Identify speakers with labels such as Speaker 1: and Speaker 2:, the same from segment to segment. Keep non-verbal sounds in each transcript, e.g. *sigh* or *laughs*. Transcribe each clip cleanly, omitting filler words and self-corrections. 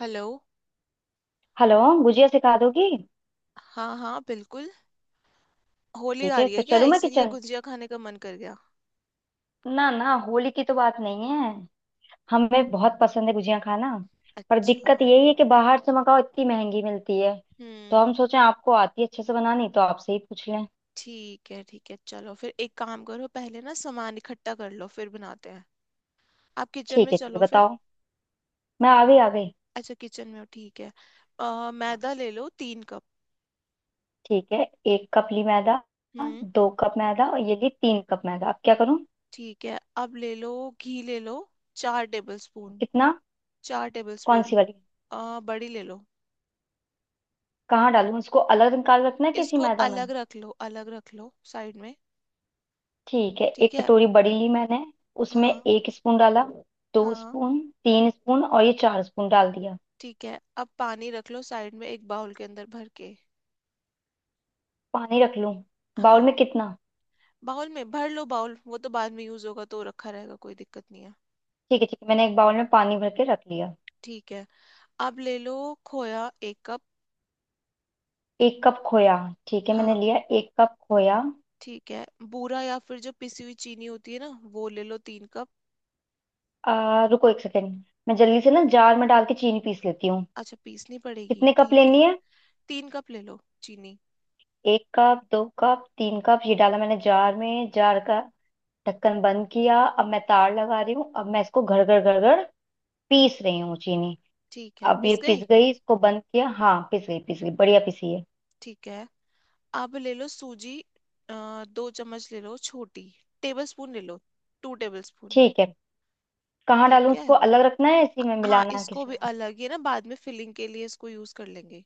Speaker 1: Hello.
Speaker 2: Hello. Gujiya सिखा दोगी?
Speaker 1: हाँ हाँ, बिल्कुल। होली
Speaker 2: ठीक
Speaker 1: आ
Speaker 2: है
Speaker 1: रही है
Speaker 2: तो
Speaker 1: क्या,
Speaker 2: चलूँ मैं
Speaker 1: इसीलिए
Speaker 2: किचन।
Speaker 1: गुजिया खाने का मन कर गया?
Speaker 2: ना ना, होली की तो बात नहीं है। हमें बहुत पसंद है गुजिया खाना। पर दिक्कत
Speaker 1: अच्छा।
Speaker 2: यही है कि बाहर से मंगाओ इतनी महंगी मिलती है। तो
Speaker 1: हम्म।
Speaker 2: हम सोचे आपको आती है अच्छे से बनानी, तो आपसे ही पूछ लें।
Speaker 1: ठीक है ठीक है, चलो फिर एक काम करो, पहले ना सामान इकट्ठा कर लो फिर बनाते हैं। आप किचन
Speaker 2: ठीक
Speaker 1: में
Speaker 2: है ठीक है,
Speaker 1: चलो फिर।
Speaker 2: बताओ। मैं आ गई, आ गई।
Speaker 1: अच्छा किचन में हो, ठीक है।
Speaker 2: हाँ,
Speaker 1: मैदा ले लो, 3 कप।
Speaker 2: ठीक है। 1 कप ली मैदा।
Speaker 1: हम्म।
Speaker 2: 2 कप मैदा और ये ली 3 कप मैदा। अब क्या करूँ?
Speaker 1: ठीक है, अब ले लो घी ले लो, 4 टेबल स्पून।
Speaker 2: कितना?
Speaker 1: चार टेबल
Speaker 2: कौन सी
Speaker 1: स्पून
Speaker 2: वाली?
Speaker 1: बड़ी ले लो।
Speaker 2: कहाँ डालूं इसको? अलग निकाल रखना है किसी
Speaker 1: इसको
Speaker 2: मैदा में?
Speaker 1: अलग रख लो, अलग रख लो साइड में।
Speaker 2: ठीक है,
Speaker 1: ठीक
Speaker 2: एक
Speaker 1: है।
Speaker 2: कटोरी बड़ी ली मैंने। उसमें
Speaker 1: हाँ
Speaker 2: 1 स्पून डाला। दो
Speaker 1: हाँ,
Speaker 2: स्पून 3 स्पून और ये 4 स्पून डाल दिया।
Speaker 1: ठीक है, अब पानी रख लो साइड में, एक बाउल के अंदर भर के।
Speaker 2: पानी रख लूं? बाउल
Speaker 1: हाँ,
Speaker 2: में कितना?
Speaker 1: बाउल में भर लो, बाउल वो तो बाद में यूज होगा तो रखा रहेगा, कोई दिक्कत नहीं है।
Speaker 2: ठीक है ठीक है, मैंने एक बाउल में पानी भर के रख लिया।
Speaker 1: ठीक है, अब ले लो खोया, 1 कप।
Speaker 2: 1 कप खोया। ठीक है, मैंने
Speaker 1: हाँ।
Speaker 2: लिया 1 कप खोया।
Speaker 1: ठीक है। बूरा या फिर जो पिसी हुई चीनी होती है ना, वो ले लो, 3 कप।
Speaker 2: रुको 1 सेकेंड। मैं जल्दी से ना जार में डाल के चीनी पीस लेती हूँ।
Speaker 1: अच्छा पीसनी पड़ेगी,
Speaker 2: कितने कप
Speaker 1: ठीक है।
Speaker 2: लेनी है?
Speaker 1: 3 कप ले लो चीनी।
Speaker 2: 1 कप 2 कप 3 कप ये डाला मैंने जार में। जार का ढक्कन बंद किया। अब मैं तार लगा रही हूँ। अब मैं इसको घड़ घड़ घड़ घड़ पीस रही हूँ चीनी।
Speaker 1: ठीक है
Speaker 2: अब ये
Speaker 1: पिस
Speaker 2: पिस
Speaker 1: गई।
Speaker 2: गई, इसको बंद किया। हाँ पिस गई, पिस गई, बढ़िया पिसी है।
Speaker 1: ठीक है, अब ले लो सूजी। 2 चम्मच ले लो, छोटी। टेबल स्पून ले लो। 2 टेबल स्पून।
Speaker 2: ठीक है। कहाँ डालूं
Speaker 1: ठीक है।
Speaker 2: उसको? अलग रखना है, इसी में
Speaker 1: हाँ,
Speaker 2: मिलाना है
Speaker 1: इसको
Speaker 2: किसी
Speaker 1: भी
Speaker 2: में?
Speaker 1: अलग ही ना, बाद में फिलिंग के लिए इसको यूज कर लेंगे।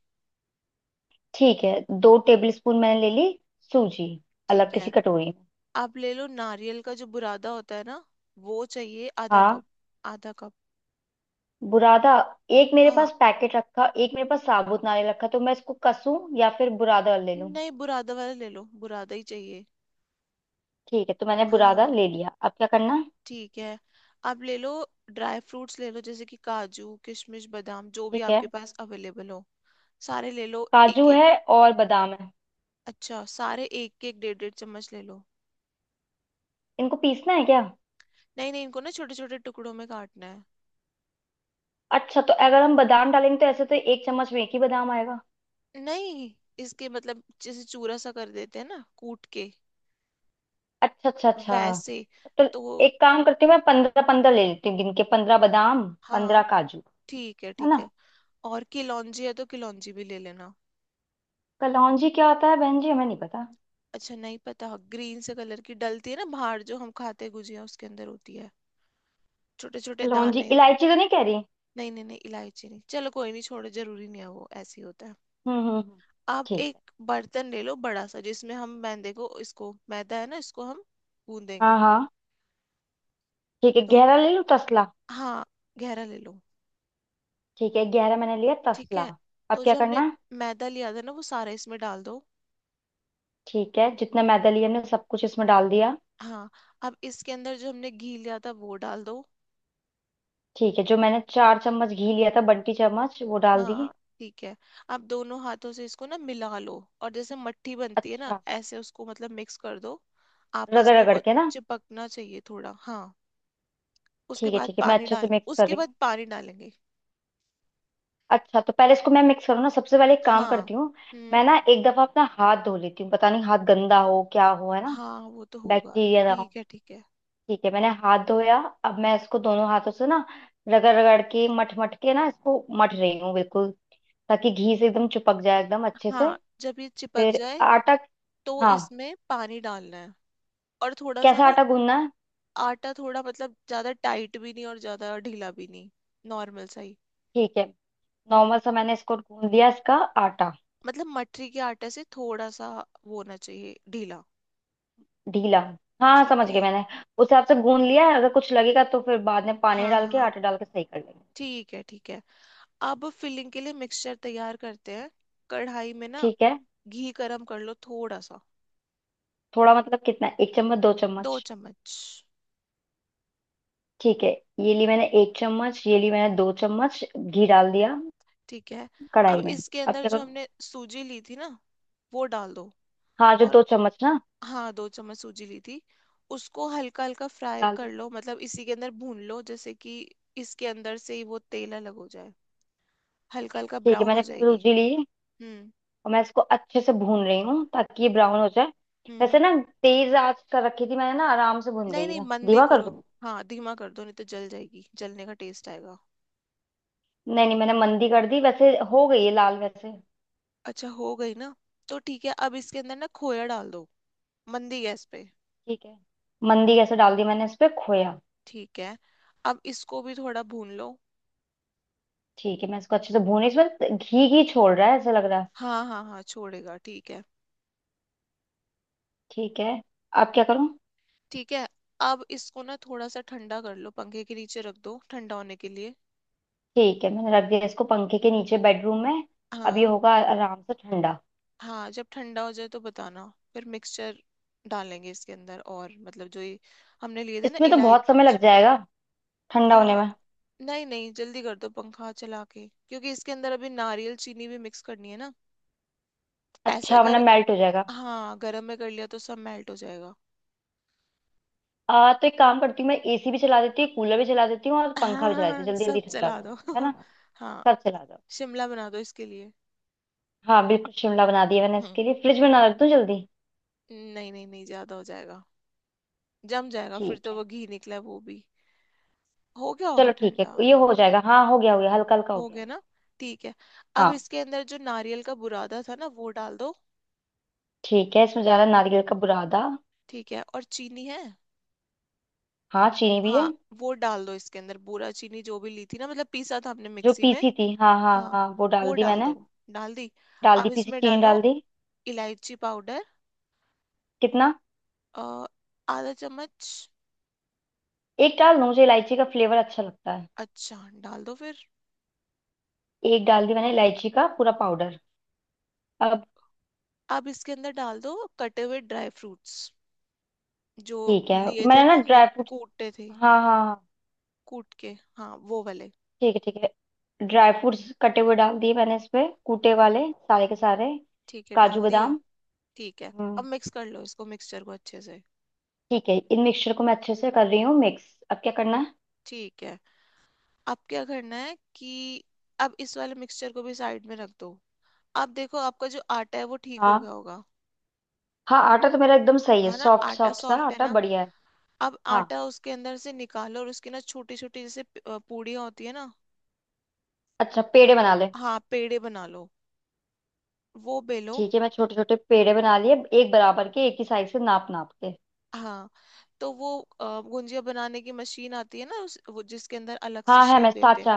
Speaker 2: ठीक है, 2 टेबल स्पून मैंने ले ली सूजी, अलग
Speaker 1: ठीक है।
Speaker 2: किसी कटोरी में।
Speaker 1: आप ले लो नारियल का जो बुरादा होता है ना, वो चाहिए, आधा
Speaker 2: हाँ,
Speaker 1: कप। आधा कप।
Speaker 2: बुरादा। एक मेरे
Speaker 1: हाँ,
Speaker 2: पास पैकेट रखा, एक मेरे पास साबुत नारियल रखा, तो मैं इसको कसूं या फिर बुरादा ले लूं?
Speaker 1: नहीं बुरादा वाला ले लो, बुरादा ही चाहिए।
Speaker 2: ठीक है, तो मैंने बुरादा
Speaker 1: हाँ।
Speaker 2: ले लिया, अब क्या करना है?
Speaker 1: ठीक है। आप ले लो ड्राई फ्रूट्स ले लो, जैसे कि काजू किशमिश बादाम, जो भी
Speaker 2: ठीक है।
Speaker 1: आपके पास अवेलेबल हो। सारे ले लो एक
Speaker 2: काजू
Speaker 1: एक।
Speaker 2: है और बादाम है।
Speaker 1: अच्छा, सारे एक एक डेढ़ डेढ़ चम्मच ले लो।
Speaker 2: इनको पीसना है क्या?
Speaker 1: नहीं नहीं, इनको ना छोटे छोटे टुकड़ों में काटना है।
Speaker 2: अच्छा, तो अगर हम बादाम डालेंगे तो ऐसे तो 1 चम्मच में एक ही बादाम आएगा।
Speaker 1: नहीं, इसके मतलब जैसे चूरा सा कर देते हैं ना कूट के,
Speaker 2: अच्छा अच्छा अच्छा।
Speaker 1: वैसे।
Speaker 2: तो
Speaker 1: तो
Speaker 2: एक काम करती हूँ, मैं 15-15 ले लेती हूँ गिन के। 15 बादाम, पंद्रह
Speaker 1: हाँ,
Speaker 2: काजू
Speaker 1: ठीक है
Speaker 2: है
Speaker 1: ठीक
Speaker 2: ना?
Speaker 1: है। और किलौंजी है तो किलौंजी भी ले लेना।
Speaker 2: कलौंजी क्या होता है बहन जी, हमें नहीं पता।
Speaker 1: अच्छा नहीं पता, ग्रीन से कलर की डलती है ना, बाहर जो हम खाते हैं गुजिया उसके अंदर होती है, छोटे छोटे
Speaker 2: कलौंजी
Speaker 1: दाने।
Speaker 2: इलायची तो नहीं कह रही?
Speaker 1: नहीं नहीं नहीं, इलायची नहीं, चलो कोई नहीं छोड़ो, जरूरी नहीं है, वो ऐसे ही होता है।
Speaker 2: हम्म।
Speaker 1: आप
Speaker 2: ठीक
Speaker 1: एक
Speaker 2: है।
Speaker 1: बर्तन ले लो बड़ा सा, जिसमें हम मैदे को, इसको मैदा है ना, इसको हम गूंदेंगे।
Speaker 2: हाँ हाँ, ठीक है,
Speaker 1: तो
Speaker 2: गहरा ले लूँ तसला?
Speaker 1: हाँ, गहरा ले लो।
Speaker 2: ठीक है, गहरा मैंने लिया
Speaker 1: ठीक
Speaker 2: तसला।
Speaker 1: है,
Speaker 2: अब
Speaker 1: तो
Speaker 2: क्या
Speaker 1: जो
Speaker 2: करना
Speaker 1: हमने
Speaker 2: है?
Speaker 1: मैदा लिया था ना, वो सारा इसमें डाल दो।
Speaker 2: ठीक है, जितना मैदा लिया हमने सब कुछ इसमें डाल दिया।
Speaker 1: हाँ, अब इसके अंदर जो हमने घी लिया था वो डाल दो।
Speaker 2: ठीक है, जो मैंने 4 चम्मच घी लिया था बंटी चम्मच, वो डाल दिए।
Speaker 1: हाँ, ठीक है, अब दोनों हाथों से इसको ना मिला लो, और जैसे मट्ठी बनती है ना,
Speaker 2: अच्छा,
Speaker 1: ऐसे उसको मतलब मिक्स कर दो, आपस
Speaker 2: रगड़
Speaker 1: में।
Speaker 2: रगड़
Speaker 1: वो
Speaker 2: के ना?
Speaker 1: चिपकना चाहिए थोड़ा, हाँ। उसके
Speaker 2: ठीक है
Speaker 1: बाद
Speaker 2: ठीक है, मैं
Speaker 1: पानी
Speaker 2: अच्छे से
Speaker 1: डाल,
Speaker 2: मिक्स कर
Speaker 1: उसके
Speaker 2: रही
Speaker 1: बाद
Speaker 2: हूँ।
Speaker 1: पानी डालेंगे।
Speaker 2: अच्छा, तो पहले इसको मैं मिक्स करूँ ना, सबसे पहले एक काम
Speaker 1: हाँ।
Speaker 2: करती हूँ।
Speaker 1: हम्म।
Speaker 2: मैं ना एक दफा अपना हाथ धो लेती हूँ, पता नहीं हाथ गंदा हो, क्या हो, है ना।
Speaker 1: हाँ, वो तो होगा।
Speaker 2: बैक्टीरिया ना हो।
Speaker 1: ठीक है ठीक है।
Speaker 2: ठीक है, मैंने हाथ धोया। अब मैं इसको दोनों हाथों से ना रगड़ रगड़ के, मट मट के ना, इसको मट रही हूँ बिल्कुल, ताकि घी से एकदम चिपक जाए एकदम अच्छे से।
Speaker 1: हाँ, जब ये चिपक
Speaker 2: फिर
Speaker 1: जाए
Speaker 2: आटा।
Speaker 1: तो
Speaker 2: हाँ।
Speaker 1: इसमें पानी डालना है, और थोड़ा सा
Speaker 2: कैसा
Speaker 1: ना
Speaker 2: आटा गूंदना है?
Speaker 1: आटा, थोड़ा मतलब ज्यादा टाइट भी नहीं और ज्यादा ढीला भी नहीं, नॉर्मल सा ही।
Speaker 2: ठीक है।
Speaker 1: हम्म।
Speaker 2: नॉर्मल सा मैंने इसको गूंद लिया, इसका आटा
Speaker 1: मतलब मटरी के आटे से थोड़ा सा वो होना चाहिए ढीला।
Speaker 2: ढीला। हाँ,
Speaker 1: ठीक
Speaker 2: समझ
Speaker 1: है।
Speaker 2: गई मैंने। उस हिसाब से गूंद लिया है, अगर कुछ लगेगा तो फिर बाद में पानी
Speaker 1: हाँ
Speaker 2: डाल के,
Speaker 1: हाँ,
Speaker 2: आटा डाल के सही कर लेंगे।
Speaker 1: ठीक है ठीक है। अब फिलिंग के लिए मिक्सचर तैयार करते हैं। कढ़ाई में ना
Speaker 2: ठीक है।
Speaker 1: घी गरम कर लो, थोड़ा सा।
Speaker 2: थोड़ा मतलब कितना, एक चम्मच दो
Speaker 1: दो
Speaker 2: चम्मच
Speaker 1: चम्मच
Speaker 2: ठीक है, ये ली मैंने 1 चम्मच, ये ली मैंने 2 चम्मच घी डाल दिया
Speaker 1: ठीक है, अब
Speaker 2: कढ़ाई में।
Speaker 1: इसके
Speaker 2: अब
Speaker 1: अंदर
Speaker 2: क्या
Speaker 1: जो
Speaker 2: करूँ?
Speaker 1: हमने सूजी ली थी ना, वो डाल दो।
Speaker 2: हाँ, जो
Speaker 1: और
Speaker 2: 2 चम्मच ना,
Speaker 1: हाँ, 2 चम्मच सूजी ली थी, उसको हल्का हल्का फ्राई
Speaker 2: डाल
Speaker 1: कर
Speaker 2: दी।
Speaker 1: लो, मतलब इसी के अंदर भून लो, जैसे कि इसके अंदर से ही वो तेल अलग हो जाए, हल्का हल्का
Speaker 2: ठीक है,
Speaker 1: ब्राउन हो
Speaker 2: मैंने
Speaker 1: जाएगी।
Speaker 2: सूजी ली
Speaker 1: हम्म।
Speaker 2: और मैं इसको अच्छे से भून रही हूँ ताकि ये ब्राउन हो जाए। वैसे
Speaker 1: हम्म।
Speaker 2: ना, तेज आंच कर रखी थी मैंने ना, आराम से भून
Speaker 1: नहीं
Speaker 2: गई
Speaker 1: नहीं,
Speaker 2: है,
Speaker 1: मंदी
Speaker 2: धीमा कर
Speaker 1: करो।
Speaker 2: दूँ?
Speaker 1: हाँ धीमा कर दो, नहीं तो जल जाएगी, जलने का टेस्ट आएगा।
Speaker 2: नहीं नहीं, मैंने मंदी कर दी, वैसे हो गई है लाल वैसे।
Speaker 1: अच्छा हो गई ना, तो ठीक है, अब इसके अंदर ना खोया डाल दो, मंदी गैस पे।
Speaker 2: ठीक है, मंदी। कैसे डाल दी मैंने इस पे खोया।
Speaker 1: ठीक है, अब इसको भी थोड़ा भून लो।
Speaker 2: ठीक है, मैं इसको अच्छे से भून, इसमें घी घी छोड़ रहा है, ऐसा लग रहा है।
Speaker 1: हाँ हाँ हाँ, छोड़ेगा ठीक है।
Speaker 2: ठीक है, अब क्या करूँ?
Speaker 1: ठीक है, अब इसको ना थोड़ा सा ठंडा कर लो, पंखे के नीचे रख दो ठंडा होने के लिए।
Speaker 2: ठीक है, मैंने रख दिया इसको पंखे के नीचे बेडरूम में। अब ये
Speaker 1: हाँ।
Speaker 2: होगा आराम से ठंडा।
Speaker 1: हाँ, जब ठंडा हो जाए तो बताना, फिर मिक्सचर डालेंगे इसके अंदर, और मतलब जो ये हमने लिए थे ना,
Speaker 2: इसमें तो बहुत समय
Speaker 1: इलायची।
Speaker 2: लग जाएगा ठंडा होने
Speaker 1: आ,
Speaker 2: में।
Speaker 1: नहीं नहीं, जल्दी कर दो पंखा चला के, क्योंकि इसके अंदर अभी नारियल चीनी भी मिक्स करनी है ना। ऐसे
Speaker 2: अच्छा, वरना
Speaker 1: अगर,
Speaker 2: मेल्ट हो जाएगा।
Speaker 1: हाँ गर्म में कर लिया तो सब मेल्ट हो जाएगा।
Speaker 2: तो एक काम करती हूँ, मैं एसी भी चला देती हूँ, कूलर भी चला देती हूँ और
Speaker 1: *laughs*
Speaker 2: पंखा भी चला देती हूँ,
Speaker 1: हाँ
Speaker 2: जल्दी जल्दी
Speaker 1: सब
Speaker 2: ठंडा हो
Speaker 1: चला दो।
Speaker 2: जाए है
Speaker 1: *laughs*
Speaker 2: ना।
Speaker 1: हाँ,
Speaker 2: सब चला दो।
Speaker 1: शिमला बना दो इसके लिए।
Speaker 2: हाँ बिल्कुल, शिमला बना दिया मैंने
Speaker 1: हम्म।
Speaker 2: इसके लिए। फ्रिज में ना रख दूँ जल्दी?
Speaker 1: नहीं नहीं नहीं, ज्यादा हो जाएगा, जम जाएगा, फिर
Speaker 2: ठीक
Speaker 1: तो
Speaker 2: है,
Speaker 1: वो घी निकला है वो भी। हो गया होगा
Speaker 2: चलो ठीक है,
Speaker 1: ठंडा।
Speaker 2: ये हो जाएगा। हाँ हो गया, हो
Speaker 1: हम्म,
Speaker 2: गया, हल्का हल्का हो
Speaker 1: हो
Speaker 2: गया।
Speaker 1: गया ना। ठीक है, अब
Speaker 2: हाँ।
Speaker 1: इसके अंदर जो नारियल का बुरादा था ना वो डाल दो।
Speaker 2: ठीक है, इसमें जा रहा है नारियल का बुरादा।
Speaker 1: ठीक है, और चीनी है।
Speaker 2: हाँ, चीनी भी है।
Speaker 1: हाँ, वो डाल दो इसके अंदर, बूरा चीनी जो भी ली थी ना, मतलब पीसा था हमने
Speaker 2: जो
Speaker 1: मिक्सी में।
Speaker 2: पीसी थी, हाँ हाँ
Speaker 1: हाँ,
Speaker 2: हाँ, वो डाल
Speaker 1: वो
Speaker 2: दी
Speaker 1: डाल
Speaker 2: मैंने।
Speaker 1: दो। डाल दी।
Speaker 2: डाल
Speaker 1: अब
Speaker 2: दी, पीसी
Speaker 1: इसमें
Speaker 2: चीनी
Speaker 1: डालो
Speaker 2: डाल दी।
Speaker 1: इलायची पाउडर।
Speaker 2: कितना?
Speaker 1: अ, आधा चम्मच।
Speaker 2: एक डाल दूं, मुझे इलायची का फ्लेवर अच्छा लगता है।
Speaker 1: अच्छा, डाल दो फिर।
Speaker 2: एक डाल दी मैंने इलायची का पूरा पाउडर। अब?
Speaker 1: अब इसके अंदर डाल दो कटे हुए ड्राई फ्रूट्स, जो
Speaker 2: ठीक है,
Speaker 1: लिए थे
Speaker 2: मैंने ना
Speaker 1: ना हमने,
Speaker 2: ड्राई फ्रूट्स,
Speaker 1: कूटे थे।
Speaker 2: हाँ हाँ हाँ,
Speaker 1: कूट के हाँ, वो वाले।
Speaker 2: ठीक है ठीक है, ड्राई फ्रूट्स कटे हुए डाल दिए मैंने इसमें, कूटे वाले सारे के सारे,
Speaker 1: ठीक है,
Speaker 2: काजू
Speaker 1: डाल दिए।
Speaker 2: बादाम।
Speaker 1: ठीक है,
Speaker 2: हम्म।
Speaker 1: अब मिक्स कर लो इसको, मिक्सचर को अच्छे से।
Speaker 2: ठीक है, इन मिक्सचर को मैं अच्छे से कर रही हूँ मिक्स। अब क्या करना है?
Speaker 1: ठीक है, अब क्या करना है कि अब इस वाले मिक्सचर को भी साइड में रख दो। अब देखो, आपका जो आटा है वो ठीक हो गया
Speaker 2: हाँ,
Speaker 1: होगा।
Speaker 2: हाँ आटा तो मेरा एकदम सही है,
Speaker 1: है ना,
Speaker 2: सॉफ्ट
Speaker 1: आटा
Speaker 2: सॉफ्ट सा
Speaker 1: सॉफ्ट है
Speaker 2: आटा,
Speaker 1: ना।
Speaker 2: बढ़िया है।
Speaker 1: अब
Speaker 2: हाँ।
Speaker 1: आटा उसके अंदर से निकालो, और उसकी ना छोटी छोटी, जैसे पूड़ियाँ होती है ना।
Speaker 2: अच्छा, पेड़े बना ले?
Speaker 1: हाँ, पेड़े बना लो, वो बेलो।
Speaker 2: ठीक है, मैं छोटे छोटे पेड़े बना लिए, एक बराबर के, एक ही साइज से नाप नाप के।
Speaker 1: हाँ, तो वो गुंजिया बनाने की मशीन आती है ना, उस वो जिसके अंदर अलग सी
Speaker 2: हाँ है,
Speaker 1: शेप
Speaker 2: मैं
Speaker 1: देते हैं।
Speaker 2: साचा।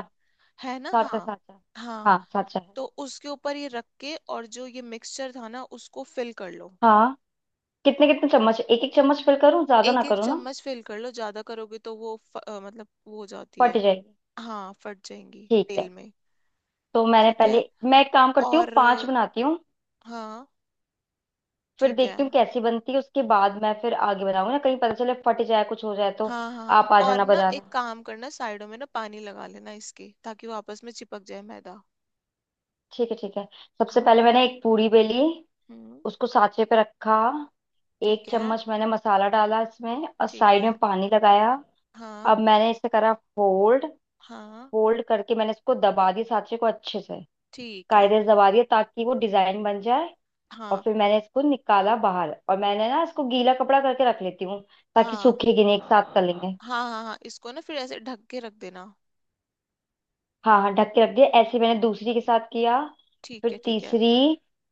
Speaker 1: है ना।
Speaker 2: साचा
Speaker 1: हाँ
Speaker 2: साचा।
Speaker 1: हाँ,
Speaker 2: हाँ, साचा है।
Speaker 1: तो उसके ऊपर ये रख के, और जो ये मिक्सचर था ना, उसको फिल कर लो।
Speaker 2: हाँ। कितने कितने चम्मच? एक एक चम्मच फिल करूँ? ज्यादा ना
Speaker 1: एक एक
Speaker 2: करूँ ना?
Speaker 1: चम्मच फिल कर लो, ज्यादा करोगे तो वो मतलब वो हो जाती
Speaker 2: फट
Speaker 1: है।
Speaker 2: जाएगी।
Speaker 1: हाँ फट जाएंगी
Speaker 2: ठीक
Speaker 1: तेल
Speaker 2: है,
Speaker 1: में।
Speaker 2: तो मैंने
Speaker 1: ठीक है।
Speaker 2: पहले, मैं एक काम करती हूँ,
Speaker 1: और
Speaker 2: पांच
Speaker 1: अ,
Speaker 2: बनाती हूँ
Speaker 1: हाँ,
Speaker 2: फिर
Speaker 1: ठीक है।
Speaker 2: देखती हूँ कैसी बनती है, उसके बाद मैं फिर आगे बनाऊंगी ना, कहीं पता चले फट जाए, कुछ हो जाए तो।
Speaker 1: हाँ हाँ,
Speaker 2: आप आ
Speaker 1: और
Speaker 2: जाना
Speaker 1: ना एक
Speaker 2: बजाना।
Speaker 1: काम करना, साइडों में ना पानी लगा लेना इसके, ताकि वो आपस में चिपक जाए मैदा।
Speaker 2: ठीक है ठीक है। सबसे
Speaker 1: हाँ।
Speaker 2: पहले मैंने एक पूरी बेली,
Speaker 1: हम्म।
Speaker 2: उसको सांचे पे रखा। एक
Speaker 1: ठीक है
Speaker 2: चम्मच मैंने मसाला डाला इसमें और
Speaker 1: ठीक
Speaker 2: साइड में
Speaker 1: है।
Speaker 2: पानी लगाया। अब
Speaker 1: हाँ
Speaker 2: मैंने इसे करा फोल्ड।
Speaker 1: हाँ,
Speaker 2: फोल्ड करके मैंने इसको दबा दिया सांचे को अच्छे से,
Speaker 1: ठीक है।
Speaker 2: कायदे से दबा दिया ताकि वो डिजाइन बन जाए। और
Speaker 1: हाँ
Speaker 2: फिर मैंने इसको निकाला बाहर और मैंने ना इसको गीला कपड़ा करके रख लेती हूँ, ताकि
Speaker 1: हाँ
Speaker 2: सूखेगी नहीं, एक साथ कर लेंगे।
Speaker 1: हाँ। हाँ, हाँ इसको ना फिर ऐसे ढक के रख देना।
Speaker 2: हाँ हाँ, ढक के रख दिया। ऐसे ही मैंने दूसरी के साथ किया,
Speaker 1: ठीक
Speaker 2: फिर
Speaker 1: है ठीक है।
Speaker 2: तीसरी,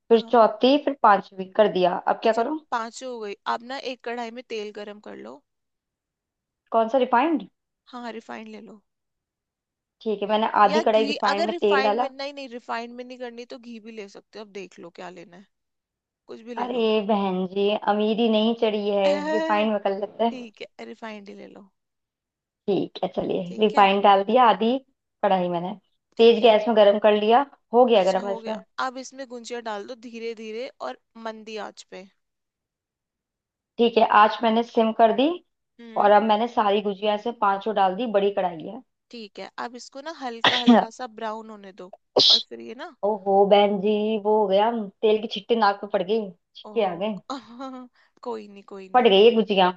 Speaker 2: फिर
Speaker 1: हाँ।
Speaker 2: चौथी, फिर 5वीं कर दिया। अब क्या
Speaker 1: अच्छा,
Speaker 2: करूँ?
Speaker 1: पांच हो गई। आप ना एक कढ़ाई में तेल गरम कर लो।
Speaker 2: कौन सा, रिफाइंड?
Speaker 1: हाँ रिफाइंड ले लो।
Speaker 2: ठीक है, मैंने
Speaker 1: या
Speaker 2: आधी कढ़ाई
Speaker 1: घी,
Speaker 2: रिफाइंड
Speaker 1: अगर
Speaker 2: में तेल
Speaker 1: रिफाइंड में
Speaker 2: डाला।
Speaker 1: नहीं, नहीं रिफाइंड में नहीं करनी तो घी भी ले सकते हो, अब देख लो क्या लेना है, कुछ भी ले
Speaker 2: अरे
Speaker 1: लो।
Speaker 2: बहन जी, अमीरी नहीं चढ़ी है,
Speaker 1: *laughs*
Speaker 2: रिफाइंड में कर लेते हैं।
Speaker 1: ठीक है, रिफाइंड ही ले लो।
Speaker 2: ठीक है, चलिए
Speaker 1: ठीक है।
Speaker 2: रिफाइंड डाल दिया आधी कढ़ाई मैंने,
Speaker 1: ठीक
Speaker 2: तेज
Speaker 1: है।
Speaker 2: गैस में गरम कर लिया। हो गया
Speaker 1: अच्छा
Speaker 2: गरम
Speaker 1: हो
Speaker 2: ऐसे?
Speaker 1: गया, अब इसमें गुंजिया डाल दो धीरे धीरे, और मंदी आंच पे।
Speaker 2: ठीक है, आंच मैंने सिम कर दी और
Speaker 1: हम्म।
Speaker 2: अब मैंने सारी गुजिया से पांचों डाल दी, बड़ी कढ़ाई है।
Speaker 1: ठीक है, अब इसको ना हल्का हल्का सा ब्राउन होने दो, और फिर ये ना।
Speaker 2: ओहो बहन जी, वो हो गया, तेल की छिट्टी नाक पे पड़ गई, छिटके आ
Speaker 1: ओह।
Speaker 2: गए,
Speaker 1: *laughs* कोई नहीं कोई नहीं।
Speaker 2: पड़ गई ये गुजिया।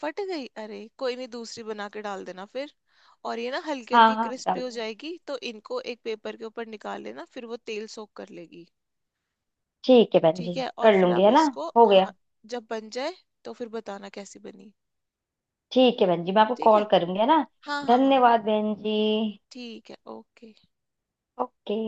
Speaker 1: फट गई, अरे कोई नहीं, दूसरी बना के डाल देना फिर। और ये ना हल्की
Speaker 2: हाँ
Speaker 1: हल्की
Speaker 2: हाँ,
Speaker 1: क्रिस्पी
Speaker 2: डाल
Speaker 1: हो
Speaker 2: दूंगी।
Speaker 1: जाएगी, तो इनको एक पेपर के ऊपर निकाल लेना, फिर वो तेल सोक कर लेगी।
Speaker 2: ठीक है बहन जी,
Speaker 1: ठीक है, और
Speaker 2: कर
Speaker 1: फिर
Speaker 2: लूंगी
Speaker 1: आप
Speaker 2: है ना।
Speaker 1: इसको,
Speaker 2: हो
Speaker 1: हाँ
Speaker 2: गया।
Speaker 1: जब बन जाए तो फिर बताना कैसी बनी।
Speaker 2: ठीक है बहन जी, मैं आपको
Speaker 1: ठीक
Speaker 2: कॉल
Speaker 1: है।
Speaker 2: करूंगी है ना।
Speaker 1: हाँ हाँ हाँ।
Speaker 2: धन्यवाद बहन जी।
Speaker 1: ठीक है ओके।
Speaker 2: ओके।